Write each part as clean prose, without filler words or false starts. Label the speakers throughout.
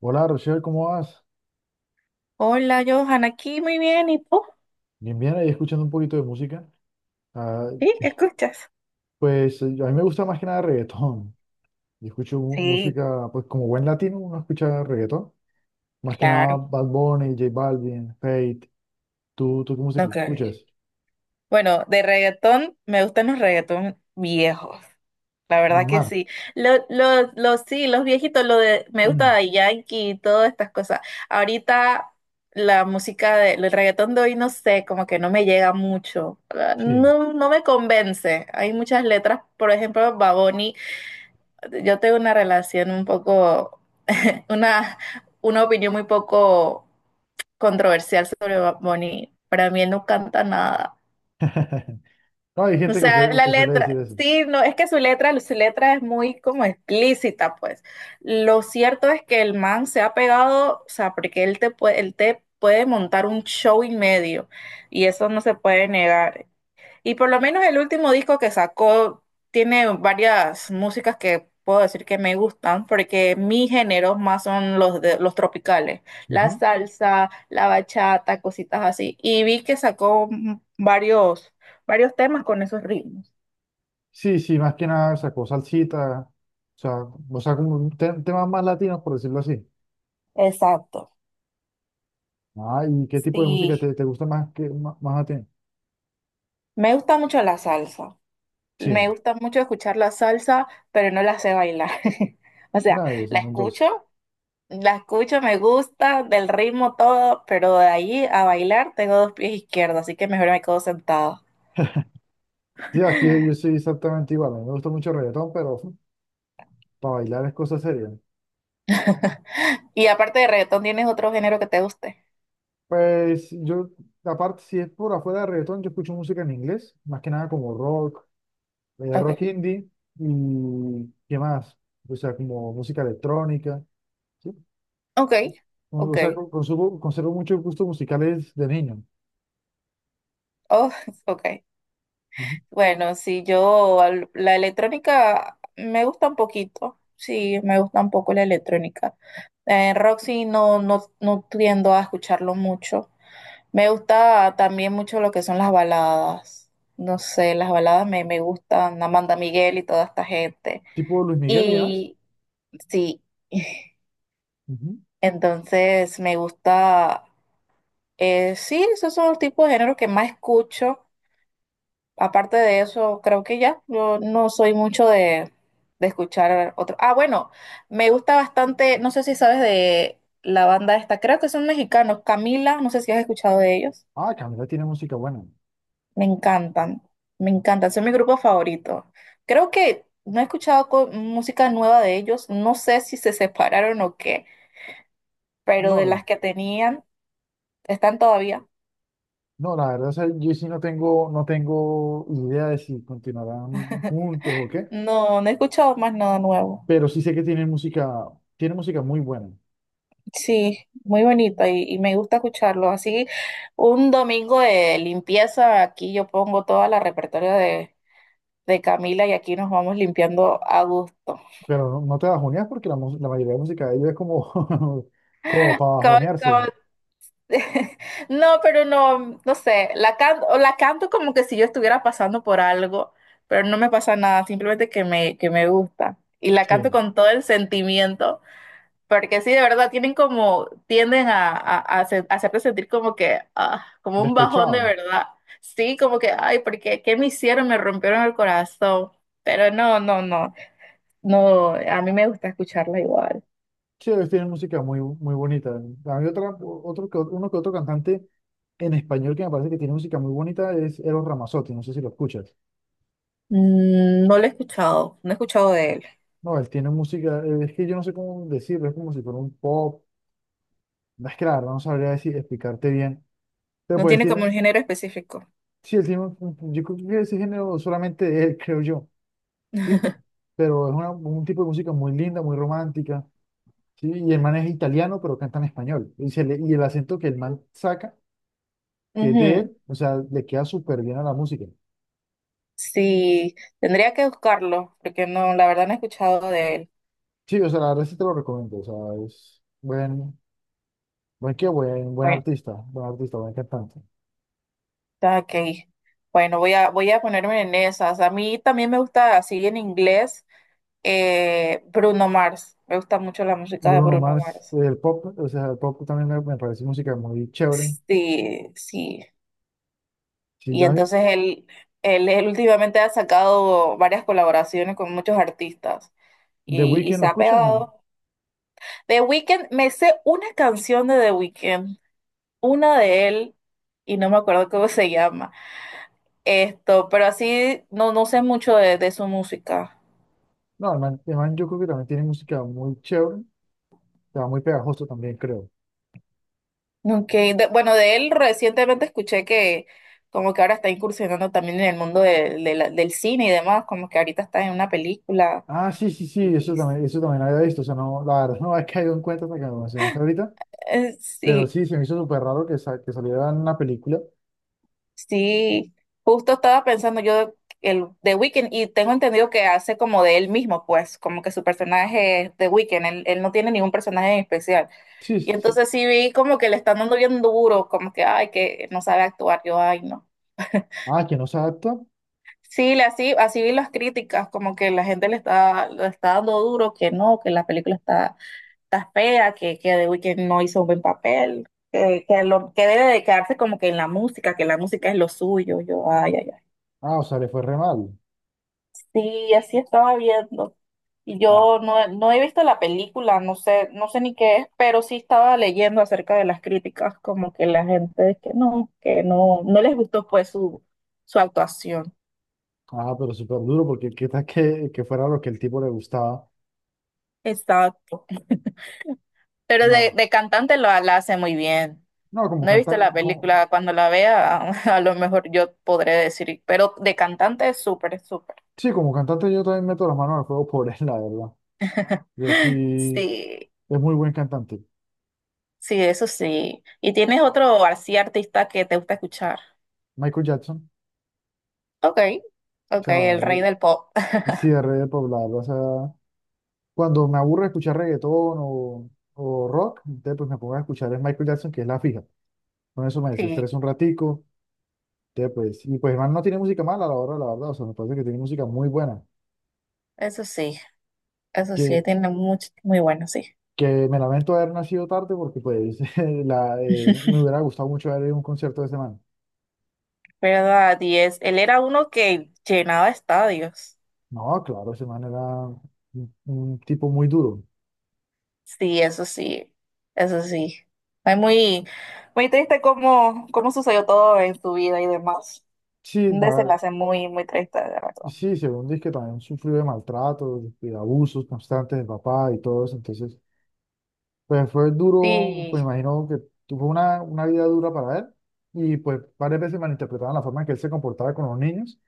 Speaker 1: Hola Rochelle, ¿cómo vas?
Speaker 2: Hola, Johan, aquí muy bien, ¿y tú?
Speaker 1: Bien, bien, ahí escuchando un poquito de música. Ah,
Speaker 2: ¿Sí? ¿Escuchas?
Speaker 1: pues a mí me gusta más que nada reggaetón. Yo escucho
Speaker 2: Sí,
Speaker 1: música, pues como buen latino uno escucha reggaetón. Más que nada
Speaker 2: claro.
Speaker 1: Bad Bunny, J Balvin, Fate. ¿Tú qué música
Speaker 2: Ok.
Speaker 1: escuchas?
Speaker 2: Bueno, de reggaetón, me gustan los reggaetón viejos. La verdad
Speaker 1: Bruno
Speaker 2: que
Speaker 1: Mars.
Speaker 2: sí. Sí, los viejitos, lo de, me gusta Daddy Yankee y todas estas cosas. Ahorita la música de, el reggaetón de hoy, no sé, como que no me llega mucho. Ah,
Speaker 1: Sí.
Speaker 2: no, no me convence. Hay muchas letras, por ejemplo, Baboni. Yo tengo una relación un poco Una, una opinión muy poco controversial sobre Bad Bunny. Para mí él no canta nada.
Speaker 1: No, hay
Speaker 2: O
Speaker 1: gente
Speaker 2: sea, la
Speaker 1: que suele decir
Speaker 2: letra,
Speaker 1: eso.
Speaker 2: sí, no, es que su letra es muy como explícita, pues. Lo cierto es que el man se ha pegado, o sea, porque él te puede montar un show y medio, y eso no se puede negar. Y por lo menos el último disco que sacó tiene varias músicas que puedo decir que me gustan, porque mis géneros más son los de, los tropicales, la
Speaker 1: Ujú.
Speaker 2: salsa, la bachata, cositas así. Y vi que sacó varios, varios temas con esos ritmos.
Speaker 1: Sí, sí, más que nada sacó salsita, sea, o sea, como un temas más latinos, por decirlo así.
Speaker 2: Exacto.
Speaker 1: Ah, ¿y qué tipo de música
Speaker 2: Sí,
Speaker 1: te gusta más que más, más a ti?
Speaker 2: me gusta mucho la salsa.
Speaker 1: Sí.
Speaker 2: Me gusta mucho escuchar la salsa, pero no la sé bailar. O sea,
Speaker 1: Nada, de
Speaker 2: la
Speaker 1: son dos.
Speaker 2: escucho. La escucho, me gusta, del ritmo todo, pero de ahí a bailar tengo dos pies izquierdos, así que mejor me quedo sentado.
Speaker 1: Sí, aquí yo soy exactamente igual. A mí me gusta mucho el reggaetón, pero para bailar es cosa seria.
Speaker 2: Y aparte de reggaetón, ¿tienes otro género que te guste?
Speaker 1: Pues yo, aparte, si es por afuera de reggaetón, yo escucho música en inglés, más que nada como rock,
Speaker 2: Ok,
Speaker 1: rock indie y qué más. O sea, como música electrónica. ¿Sí?
Speaker 2: ok,
Speaker 1: O o
Speaker 2: ok,
Speaker 1: sea, con- consumo- conservo muchos gustos musicales de niño.
Speaker 2: oh, ok.
Speaker 1: Ujú.
Speaker 2: Bueno, si yo, al- la electrónica me gusta un poquito, sí, me gusta un poco la electrónica. Rock sí, no, no, no tiendo a escucharlo mucho. Me gusta también mucho lo que son las baladas. No sé, las baladas me, me gustan, Amanda Miguel y toda esta gente.
Speaker 1: Tipo Luis Miguel y demás.
Speaker 2: Y sí,
Speaker 1: Ujú.
Speaker 2: entonces me gusta, sí, esos son los tipos de géneros que más escucho. Aparte de eso, creo que ya, yo no soy mucho de escuchar otro. Ah, bueno, me gusta bastante, no sé si sabes de la banda esta, creo que son mexicanos, Camila, no sé si has escuchado de ellos.
Speaker 1: Ah, Camila tiene música buena.
Speaker 2: Me encantan, me encantan, son mi grupo favorito. Creo que no he escuchado co- música nueva de ellos, no sé si se separaron o qué, pero de
Speaker 1: No,
Speaker 2: las que tenían, están todavía.
Speaker 1: no, la verdad, o sea, yo sí no tengo, no tengo idea de si continuarán juntos o qué,
Speaker 2: No, no he escuchado más nada nuevo.
Speaker 1: pero sí sé que tienen música muy buena,
Speaker 2: Sí, muy bonito y me gusta escucharlo. Así, un domingo de limpieza, aquí yo pongo toda la repertorio de Camila y aquí nos vamos limpiando a gusto.
Speaker 1: pero no, no te bajoneas porque la mayoría de música de ellos es como, como para
Speaker 2: Como,
Speaker 1: bajonearse,
Speaker 2: no, pero no, no sé, la canto como que si yo estuviera pasando por algo, pero no me pasa nada, simplemente que me gusta. Y la canto
Speaker 1: sí,
Speaker 2: con todo el sentimiento, porque sí, de verdad, tienen como, tienden a hacer- a hacerte sentir como que, ah, como un bajón de
Speaker 1: despechado.
Speaker 2: verdad. Sí, como que, ay, porque, ¿qué me hicieron? Me rompieron el corazón. Pero no, no, no, no, a mí me gusta escucharla igual.
Speaker 1: Sí, ellos tienen música muy, muy bonita. Hay otra, otro, uno que otro cantante en español que me parece que tiene música muy bonita es Eros Ramazzotti, no sé si lo escuchas.
Speaker 2: Mm, no lo he escuchado, no he escuchado de él.
Speaker 1: No, él tiene música, es que yo no sé cómo decirlo, es como si fuera un pop. No, es que la verdad no sabría decir, explicarte bien. Pero
Speaker 2: No
Speaker 1: pues él
Speaker 2: tiene como
Speaker 1: tiene,
Speaker 2: un género específico.
Speaker 1: sí, él tiene, yo creo que ese género solamente él, creo yo, ¿sí? Pero es un tipo de música muy linda, muy romántica, ¿sí? Y el man es italiano, pero canta en español. Y, y el acento que el man saca, que es de
Speaker 2: Ujú.
Speaker 1: él, o sea, le queda súper bien a la música.
Speaker 2: Sí, tendría que buscarlo, porque no, la verdad no he escuchado de él.
Speaker 1: Sí, o sea, la verdad sí te lo recomiendo, o sea, es buen, buen qué, buen, buen
Speaker 2: Bueno,
Speaker 1: artista, buen artista, buen cantante.
Speaker 2: está ok. Bueno, voy a, voy a ponerme en esas. A mí también me gusta, así en inglés, Bruno Mars. Me gusta mucho la música de
Speaker 1: Bruno
Speaker 2: Bruno
Speaker 1: Mars,
Speaker 2: Mars.
Speaker 1: el pop, o sea, el pop también me parece música muy chévere.
Speaker 2: Sí, sí.
Speaker 1: Sí,
Speaker 2: Y
Speaker 1: a mí
Speaker 2: entonces él últimamente ha sacado varias colaboraciones con muchos artistas
Speaker 1: ¿The
Speaker 2: y
Speaker 1: Weeknd
Speaker 2: se
Speaker 1: lo
Speaker 2: ha
Speaker 1: escuchas? No.
Speaker 2: pegado. The Weeknd, me sé una canción de The Weeknd, una de él y no me acuerdo cómo se llama. Esto, pero así no, no sé mucho de su música.
Speaker 1: No, el man yo creo que también tiene música muy chévere, o sea, muy pegajoso también, creo.
Speaker 2: Nunca de- bueno, de él recientemente escuché que como que ahora está incursionando también en el mundo de la- del cine y demás, como que ahorita está en una película.
Speaker 1: Ah, sí, sí, sí,
Speaker 2: Y
Speaker 1: eso también había visto. O sea, no, la verdad no había caído en cuenta hasta que me lo mencionaste ahorita, pero
Speaker 2: sí,
Speaker 1: sí, se me hizo súper raro que, que saliera en una película.
Speaker 2: sí, justo estaba pensando yo el The Weeknd y tengo entendido que hace como de él mismo, pues, como que su personaje es The Weeknd, él no tiene ningún personaje en especial.
Speaker 1: Sí,
Speaker 2: Y
Speaker 1: sí, sí.
Speaker 2: entonces sí vi como que le están dando bien duro, como que, ay, que no sabe actuar, yo, ay, no.
Speaker 1: Ah, que no se adapta.
Speaker 2: Sí, le- así, así vi las críticas, como que la gente le está dando duro, que no, que la película está, está fea, que The Weeknd no hizo un buen papel, que, lo, que debe de quedarse como que en la música, que la música es lo suyo, yo, ay, ay, ay.
Speaker 1: Ah, o sea, le fue re mal.
Speaker 2: Sí, así estaba viendo. Y
Speaker 1: Ah,
Speaker 2: yo no, no he visto la película, no sé, no sé ni qué es, pero sí estaba leyendo acerca de las críticas, como que la gente es que no, no les gustó pues su actuación.
Speaker 1: ah, pero súper duro, porque qué tal que fuera lo que el tipo le gustaba.
Speaker 2: Exacto. Pero
Speaker 1: No,
Speaker 2: de cantante lo, la hace muy bien.
Speaker 1: no, como
Speaker 2: No he visto la
Speaker 1: cantante, como...
Speaker 2: película, cuando la vea, a, lo mejor yo podré decir, pero de cantante es súper, súper.
Speaker 1: sí, como cantante yo también meto las manos al fuego por él, la verdad. Yo sí,
Speaker 2: Sí,
Speaker 1: es muy buen cantante.
Speaker 2: sí, eso sí. ¿Y tienes otro así artista que te gusta escuchar?
Speaker 1: Michael Jackson,
Speaker 2: Ok,
Speaker 1: o
Speaker 2: ok,
Speaker 1: sea,
Speaker 2: el rey del pop.
Speaker 1: el cierre de poblado. O sea, cuando me aburre escuchar reggaetón o rock, entonces pues me pongo a escuchar el Michael Jackson, que es la fija. Con eso me
Speaker 2: Sí,
Speaker 1: desestreso un ratico. Entonces, pues, y pues el man no tiene música mala, a la verdad, la verdad. O sea, me parece que tiene música muy buena.
Speaker 2: eso sí. Eso sí,
Speaker 1: Que,
Speaker 2: tiene mucho, muy bueno, sí.
Speaker 1: que me lamento haber nacido tarde porque pues la, me hubiera gustado mucho ver un concierto de ese man.
Speaker 2: ¿Verdad? Y es, él era uno que llenaba estadios.
Speaker 1: No, claro, ese man era un tipo muy duro.
Speaker 2: Sí, eso sí, eso sí. Es muy, muy triste cómo, cómo sucedió todo en su vida y demás.
Speaker 1: Sí,
Speaker 2: Un
Speaker 1: no,
Speaker 2: desenlace muy, muy triste, de verdad.
Speaker 1: sí, según dice que también sufrió de maltrato de abusos constantes del papá y todo eso. Entonces, pues fue duro, pues
Speaker 2: Sí,
Speaker 1: imagino que tuvo una vida dura para él y pues varias veces malinterpretaban la forma en que él se comportaba con los niños,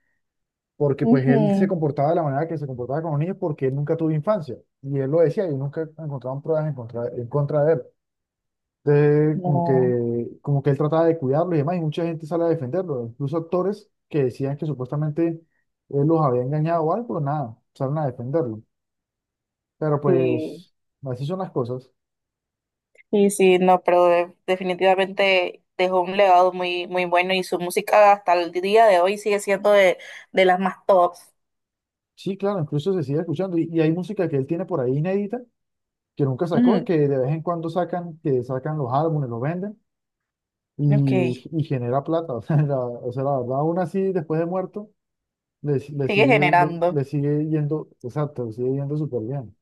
Speaker 1: porque pues él se
Speaker 2: ujú,
Speaker 1: comportaba de la manera que se comportaba con los niños porque él nunca tuvo infancia. Y él lo decía y nunca encontraban pruebas en contra de él. Entonces,
Speaker 2: no,
Speaker 1: como que él trataba de cuidarlo y demás, y mucha gente sale a defenderlo, incluso actores que decían que supuestamente él los había engañado o algo, pero nada, salen a defenderlo. Pero
Speaker 2: sí.
Speaker 1: pues, así son las cosas.
Speaker 2: Sí, sí, no, pero de- definitivamente dejó un legado muy, muy bueno y su música hasta el día de hoy sigue siendo de las más tops.
Speaker 1: Sí, claro, incluso se sigue escuchando, y hay música que él tiene por ahí inédita, que nunca sacó,
Speaker 2: Ujú.
Speaker 1: que de vez en cuando sacan, que sacan los álbumes, los venden, y,
Speaker 2: Ok.
Speaker 1: y genera plata, o sea, la verdad, aún así, después de muerto,
Speaker 2: Sigue
Speaker 1: le,
Speaker 2: generando.
Speaker 1: le sigue yendo, exacto, le sigue yendo súper bien.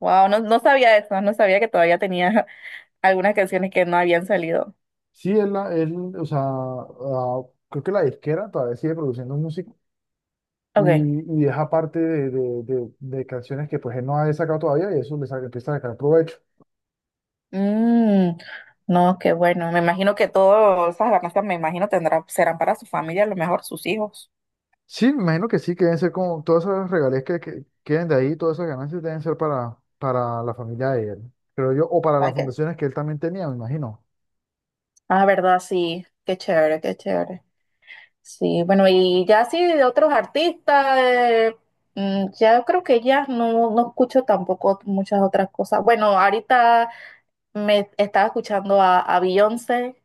Speaker 2: Wow, no, no sabía eso, no sabía que todavía tenía algunas canciones que no habían salido.
Speaker 1: Sí, es la, es, o sea, ah, creo que la disquera todavía sigue produciendo música
Speaker 2: Okay.
Speaker 1: y deja parte de canciones que pues él no ha sacado todavía y eso empieza a sacar provecho.
Speaker 2: Mm, no, qué bueno. Me imagino que todas esas ganancias, me imagino, tendrá, serán para su familia, a lo mejor sus hijos.
Speaker 1: Sí, me imagino que sí, que deben ser como todas esas regalías que queden de ahí, todas esas ganancias deben ser para la familia de él, creo yo, o para las
Speaker 2: ¿Para qué?
Speaker 1: fundaciones que él también tenía, me imagino.
Speaker 2: Ah, verdad, sí. Qué chévere, qué chévere. Sí, bueno, y ya sí de otros artistas, ya creo que ya no, no escucho tampoco muchas otras cosas. Bueno, ahorita me estaba escuchando a Beyoncé.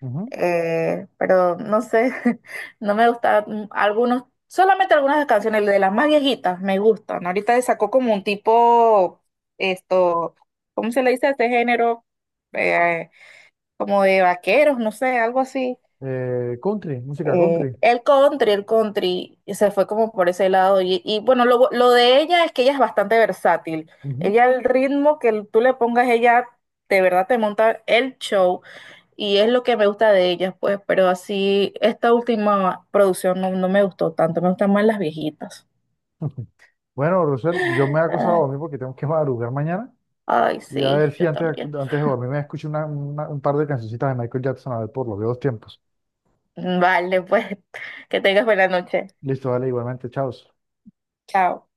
Speaker 1: Ujú.
Speaker 2: Pero no sé, no me gusta algunos, solamente algunas canciones de las más viejitas me gustan. Ahorita sacó como un tipo, esto, ¿cómo se le dice a este género? Eh, Como de vaqueros, no sé, algo así.
Speaker 1: Country, música country.
Speaker 2: El country, el country, y se fue como por ese lado. Y bueno, lo de ella es que ella es bastante versátil.
Speaker 1: Ujú.
Speaker 2: Ella, el ritmo que tú le pongas, ella de verdad te monta el show y es lo que me gusta de ellas, pues, pero así, esta última producción no, no me gustó tanto, me gustan más las viejitas.
Speaker 1: Bueno, Rosel, yo me voy a
Speaker 2: Ay,
Speaker 1: dormir porque tengo que madrugar mañana.
Speaker 2: ay,
Speaker 1: Y a ver
Speaker 2: sí,
Speaker 1: si
Speaker 2: yo
Speaker 1: antes,
Speaker 2: también.
Speaker 1: antes de dormir me escucho un par de cancioncitas de Michael Jackson, a ver por los viejos tiempos.
Speaker 2: Vale, pues, que tengas buena noche.
Speaker 1: Listo, dale, igualmente, chao.
Speaker 2: Chao.